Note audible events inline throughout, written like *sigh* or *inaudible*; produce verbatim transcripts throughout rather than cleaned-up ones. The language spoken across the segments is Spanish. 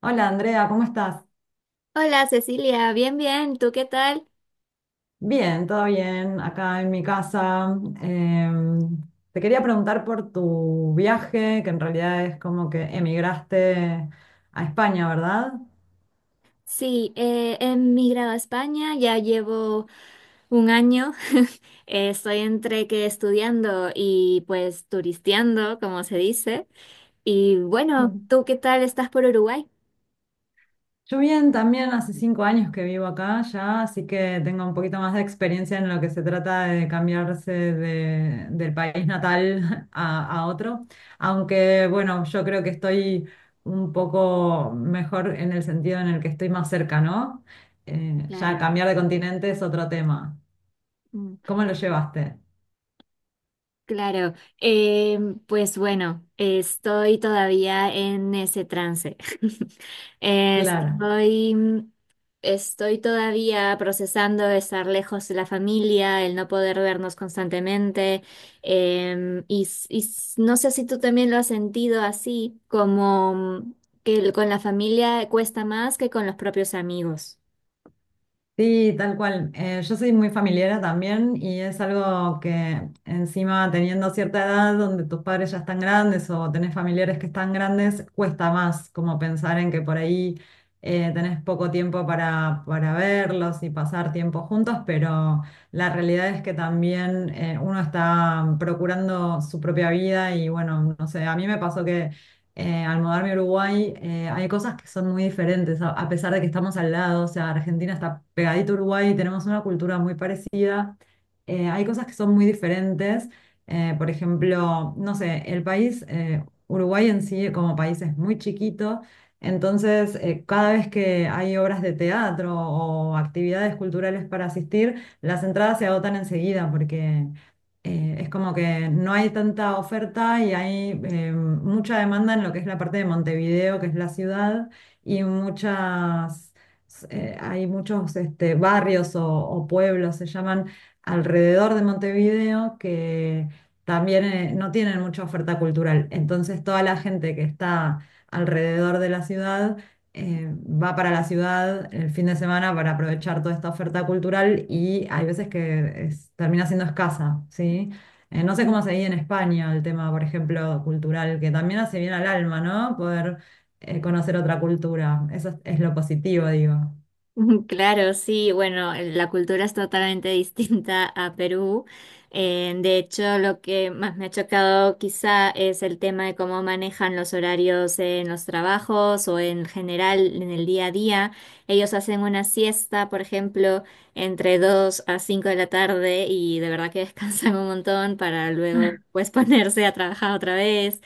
Hola Andrea, ¿cómo estás? Hola Cecilia, bien, bien, ¿tú qué tal? Bien, todo bien, acá en mi casa. Em, Te quería preguntar por tu viaje, que en realidad es como que emigraste a España, ¿verdad? Sí, eh, he emigrado a España, ya llevo un año. *laughs* Eh, estoy entre que estudiando y pues turisteando, como se dice. Y bueno, *laughs* ¿tú qué tal estás por Uruguay? Yo bien, también hace cinco años que vivo acá ya, así que tengo un poquito más de experiencia en lo que se trata de cambiarse de- del país natal *laughs* a, a otro. Aunque bueno, yo creo que estoy un poco mejor en el sentido en el que estoy más cerca, ¿no? Eh, ya Claro. cambiar de continente es otro tema. ¿Cómo lo llevaste? Claro, eh, pues bueno, estoy todavía en ese trance. *laughs* Claro. Estoy, mm, estoy todavía procesando estar lejos de la familia, el no poder vernos constantemente, em, y, s- y s- no sé si tú también lo has sentido así, como mm, que el- con la familia cuesta más que con los propios amigos. Sí, tal cual. Eh, yo soy muy familiera también y es algo que encima teniendo cierta edad donde tus padres ya están grandes o tenés familiares que están grandes, cuesta más como pensar en que por ahí eh, tenés poco tiempo para, para verlos y pasar tiempo juntos, pero la realidad es que también eh, uno está procurando su propia vida y bueno, no sé, a mí me pasó eh, al mudarme a Uruguay. Eh, hay cosas que son muy diferentes, a, a pesar de que estamos al lado. O sea, Argentina está pegadito a Uruguay, tenemos una cultura muy parecida, eh, hay cosas que son muy diferentes. Eh, por ejemplo, no sé, el país, eh, Uruguay en sí como país es muy chiquito, entonces eh, cada vez que hay obras de teatro o actividades culturales para asistir, las entradas se agotan enseguida porque eh, es como que no hay tanta oferta y hay eh, mucha demanda en lo que es la parte de Montevideo, que es la ciudad. Y muchas, eh, hay muchos este, barrios o, o pueblos, se llaman, alrededor de Montevideo, que también eh, no tienen mucha oferta cultural. Entonces toda la gente que está alrededor de la ciudad eh, va para la ciudad el fin de semana para aprovechar toda esta oferta cultural y hay veces que es- termina siendo escasa, ¿sí? Eh, no sé cómo se vive en España el tema, por ejemplo, cultural, que también hace bien al alma, ¿no? Poder eh, conocer otra cultura. Eso es, es lo positivo, digo. *laughs* Claro, sí, bueno, la cultura es totalmente *laughs* distinta a Perú. Eh, de hecho, lo que más me ha chocado quizá es el tema de cómo manejan los horarios en los trabajos o en general en el día a día. Ellos hacen una siesta, por ejemplo, entre dos a cinco de la tarde y de verdad que *laughs* descansan un montón para luego pues *laughs* ponerse a trabajar otra vez.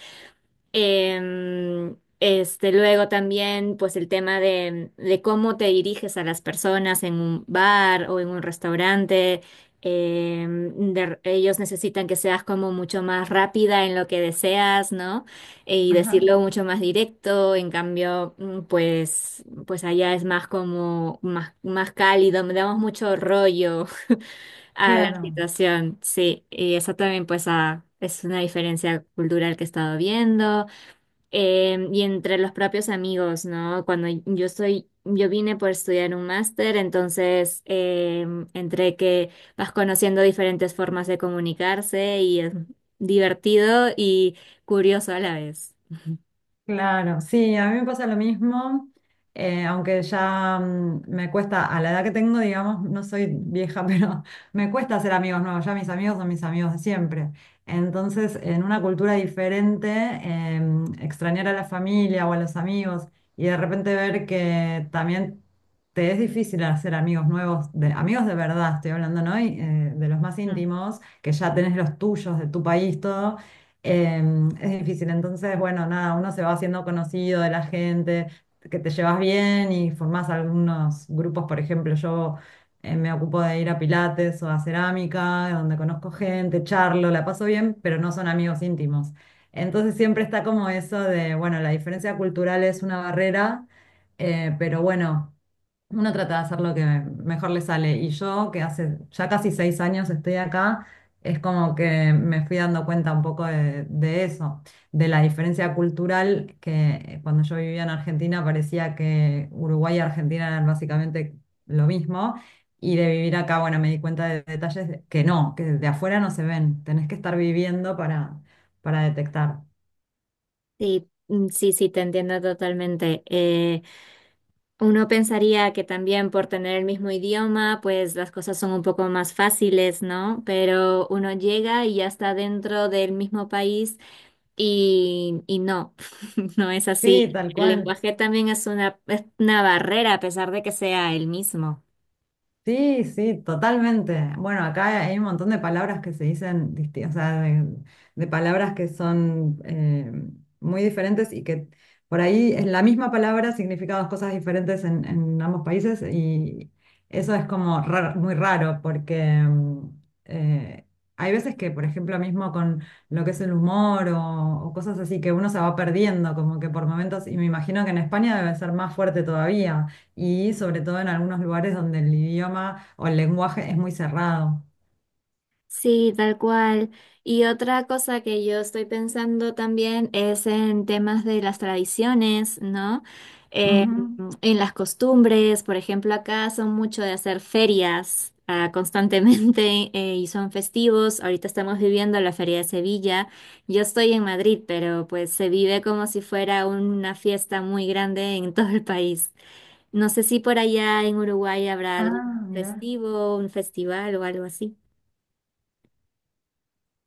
Em, este, luego también, pues el tema de, de cómo te diriges a las personas en un bar o en un restaurante. Em, de- ellos necesitan que seas como mucho más rápida en lo que deseas, ¿no? Eh, Y Ajá, decirlo mucho más directo. En cambio, mm, pues, pues allá es más como más, más cálido, me damos mucho rollo *laughs* a la claro. situación, sí. Y eso también, pues, ah, es una diferencia cultural que he estado viendo eh, y entre los propios amigos, ¿no? Cuando yo estoy, yo vine por estudiar un máster, entonces eh, entre que vas conociendo diferentes formas de comunicarse y es divertido y curioso a la vez. Claro, sí, a mí me pasa lo mismo. Eh, aunque ya mm, me cuesta, a la edad que tengo, digamos, no soy vieja, *laughs* pero me cuesta hacer amigos nuevos, ya mis amigos son mis amigos de siempre. Entonces, en una cultura diferente, em, extrañar a la familia o a los amigos y de repente ver que también te es difícil hacer amigos nuevos, de, amigos de verdad, estoy hablando, ¿no? Y, eh, de los más Mm. íntimos, que ya tenés los tuyos, de tu país, todo. Eh, es difícil, entonces, bueno, nada, uno se va haciendo conocido de la gente, que te llevas bien y formás algunos grupos. Por ejemplo, yo eh, me ocupo de ir a pilates o a cerámica, donde conozco gente, charlo, la paso bien, pero no son amigos íntimos. Entonces siempre está como eso de, bueno, la diferencia cultural es una barrera, eh, pero bueno. Uno trata de hacer lo que mejor le sale. Y yo, que hace ya casi seis años estoy acá, es como que me fui dando cuenta un poco de, de eso, de la diferencia cultural, que cuando yo vivía en Argentina parecía que Uruguay y Argentina eran básicamente lo mismo. Y de vivir acá, bueno, me di cuenta de detalles de- que no, que de afuera no se ven. Tenés que estar viviendo para, para detectar. Sí, mm, sí, sí, te entiendo totalmente. Eh, Uno pensaría que también por tener el mismo idioma, pues las cosas son un poco más fáciles, ¿no? Pero uno llega y ya está dentro del mismo país y, y no, *laughs* no es así. Sí, tal El cual. lenguaje también es una, es una barrera a pesar de que sea el mismo. Sí, sí, totalmente. Bueno, acá hay un montón de palabras que se dicen, disti- o sea, de, de palabras que son eh, muy diferentes y que por ahí es la misma palabra, significa dos cosas diferentes en, en ambos países, y eso es como raro- muy raro porque mm, eh, hay veces que, por ejemplo, mismo con lo que es el humor o, o cosas así, que uno se va perdiendo como que por momentos, y me imagino que en España debe ser más fuerte todavía y sobre todo en algunos lugares donde el idioma o el lenguaje es muy cerrado. Sí, tal cual. Y otra cosa que yo estoy pensando también es en temas de las tradiciones, ¿no? Eh, Ujú. en las costumbres, por ejemplo, acá son mucho de hacer ferias, ah, constantemente *laughs* eh, y son festivos. Ahorita estamos viviendo la Feria de Sevilla. Yo estoy en Madrid, pero pues se vive como si fuera una fiesta muy grande en *laughs* todo el país. No sé si por allá en Uruguay habrá Ah, algún mira, festivo, un festival o algo así.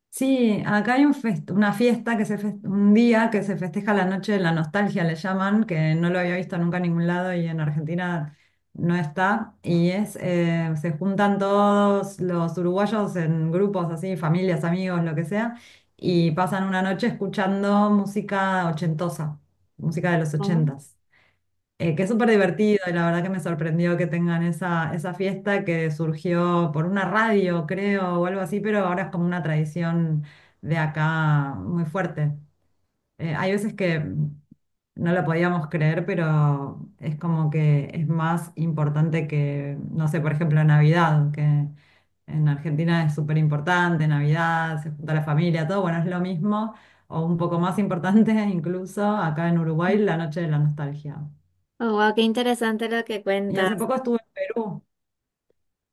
sí, acá hay un fest- una fiesta que se fes- un día que se festeja la noche de la nostalgia, le llaman, que no lo había visto nunca en ningún lado y en Argentina no está. Y es, eh, se juntan todos los uruguayos en grupos así, familias, amigos, lo que sea, y pasan una noche escuchando música ochentosa, música de los ochentas. Eh, que es súper divertido y la verdad que me sorprendió que tengan esa, esa fiesta, que surgió por una radio, creo, o algo así, pero ahora es como una tradición de acá muy fuerte. Eh, hay veces que no lo podíamos creer, pero es como que es más importante que, no sé, por ejemplo, Navidad, que en Argentina es súper importante. Navidad, se junta la familia, todo, bueno, es lo mismo, o un poco más importante *laughs* incluso acá en Uruguay, la noche de la nostalgia. Oh, wow, qué interesante lo que Y cuentas. hace poco estuve en Perú.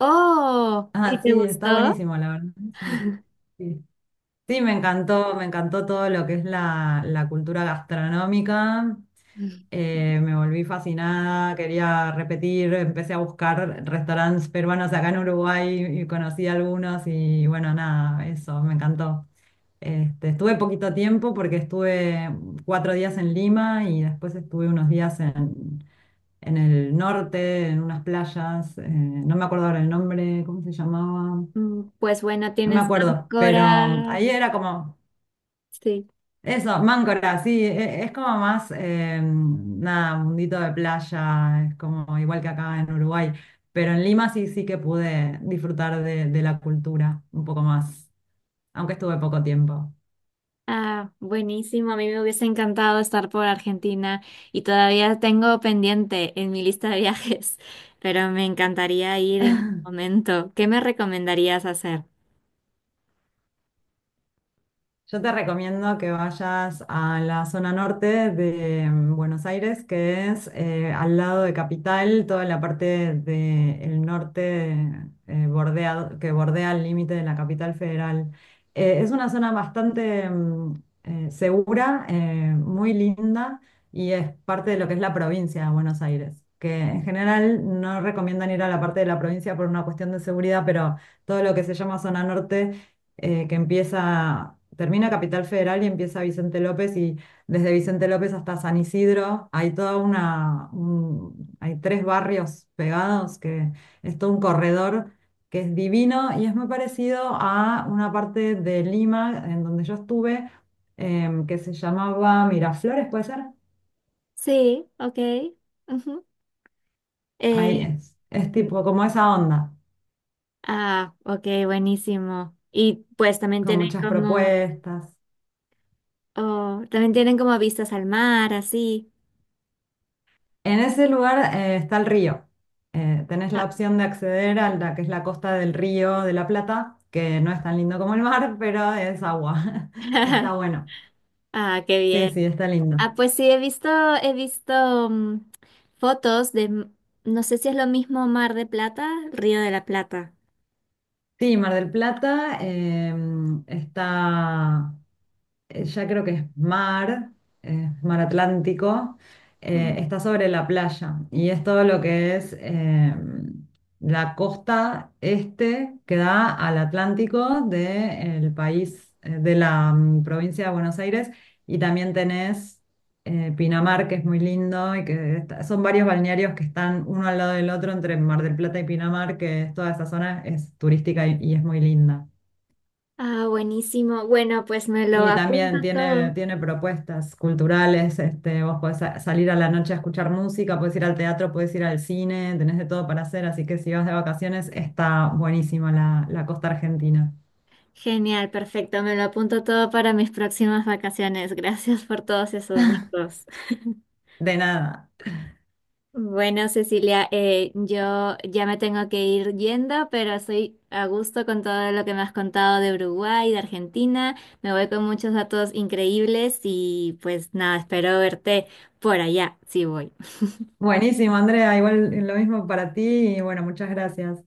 Oh, ¿y Ah, te sí, está gustó? buenísimo, la verdad. Sí, sí. Sí, me encantó, me encantó todo lo que es la, la cultura gastronómica. *laughs* Eh, me volví fascinada, quería repetir, empecé a buscar restaurantes peruanos acá en Uruguay y conocí algunos y bueno, nada, eso, me encantó. Este, estuve poquito tiempo porque estuve cuatro días en Lima y después estuve unos días en, en el norte, en unas playas. Eh, no me acuerdo ahora el nombre, ¿cómo se llamaba? Mm, pues bueno, No me tienes acuerdo, pero Ancora. ahí era como... Sí. Eso, Máncora, sí, e- es como más, eh, nada, mundito de playa, es como igual que acá en Uruguay, pero en Lima sí, sí que pude disfrutar de, de la cultura un poco más, aunque estuve poco tiempo. Ah, buenísimo. A mí me hubiese encantado estar por Argentina y todavía tengo pendiente en mi lista de viajes, *laughs* pero me encantaría ir en algún momento. ¿Qué me recomendarías hacer? Yo te recomiendo que vayas a la zona norte de mm, Buenos Aires, que es eh, al lado de Capital, toda la parte del norte eh, bordea- que bordea el límite de la capital federal. Eh, es una zona bastante mm, eh, segura, eh, muy linda, y es parte de lo que es la provincia de Buenos Aires, que en general no recomiendan ir a la parte de la provincia por una cuestión de seguridad, pero todo lo que se llama zona norte eh, que empieza, termina Capital Federal y empieza Vicente López, y desde Vicente López hasta San Isidro hay toda una, un- hay tres barrios pegados, que es todo un corredor, que es divino y es muy parecido a una parte de Lima en donde yo estuve em, que se llamaba Miraflores, ¿puede ser? Sí, ok. Ujú. Eh, Ahí es, es mm, tipo como esa onda, ah, ok, buenísimo. Y pues también con tienen muchas como... propuestas. Oh, también tienen como vistas al mar, así. En ese lugar eh, está el río. Eh, tenés la Ah, opción de acceder a la que es la costa del río de la Plata, que no es tan lindo como el mar, *laughs* pero es agua. *laughs* Está *laughs* bueno. ah, qué Sí, bien. sí, está lindo. Ah, pues sí, he visto, he visto mm, fotos de, m- no sé si es lo mismo Mar de Plata, Río de la Plata. Sí, Mar del Plata eh, está eh, ya creo que es mar, eh, mar Atlántico, eh, Mm. está sobre la playa y es todo lo que es eh, la costa este que da al Atlántico del país, eh, de la mm, provincia de Buenos Aires, y también tenés eh, Pinamar, que es muy lindo y que está- son varios balnearios que están uno al lado del otro entre Mar del Plata y Pinamar, que es- toda esa zona es turística y y es muy linda. Ah, buenísimo. Bueno, pues me lo Y apunto también tiene, todo. tiene propuestas culturales, este, vos podés sa- salir a la noche a escuchar música, podés ir al teatro, podés ir al cine, tenés de todo para hacer, así que si vas de vacaciones está buenísima la, la costa argentina. Genial, perfecto. Me lo apunto todo para mis próximas vacaciones. Gracias por todos esos datos. De nada. Bueno, Cecilia, eh, yo ya me tengo que ir yendo, pero estoy a gusto con todo lo que me has contado de Uruguay, de Argentina. Me voy con muchos datos increíbles y pues nada, espero verte por allá, si voy. Buenísimo, Andrea, igual lo mismo para ti y bueno, muchas gracias.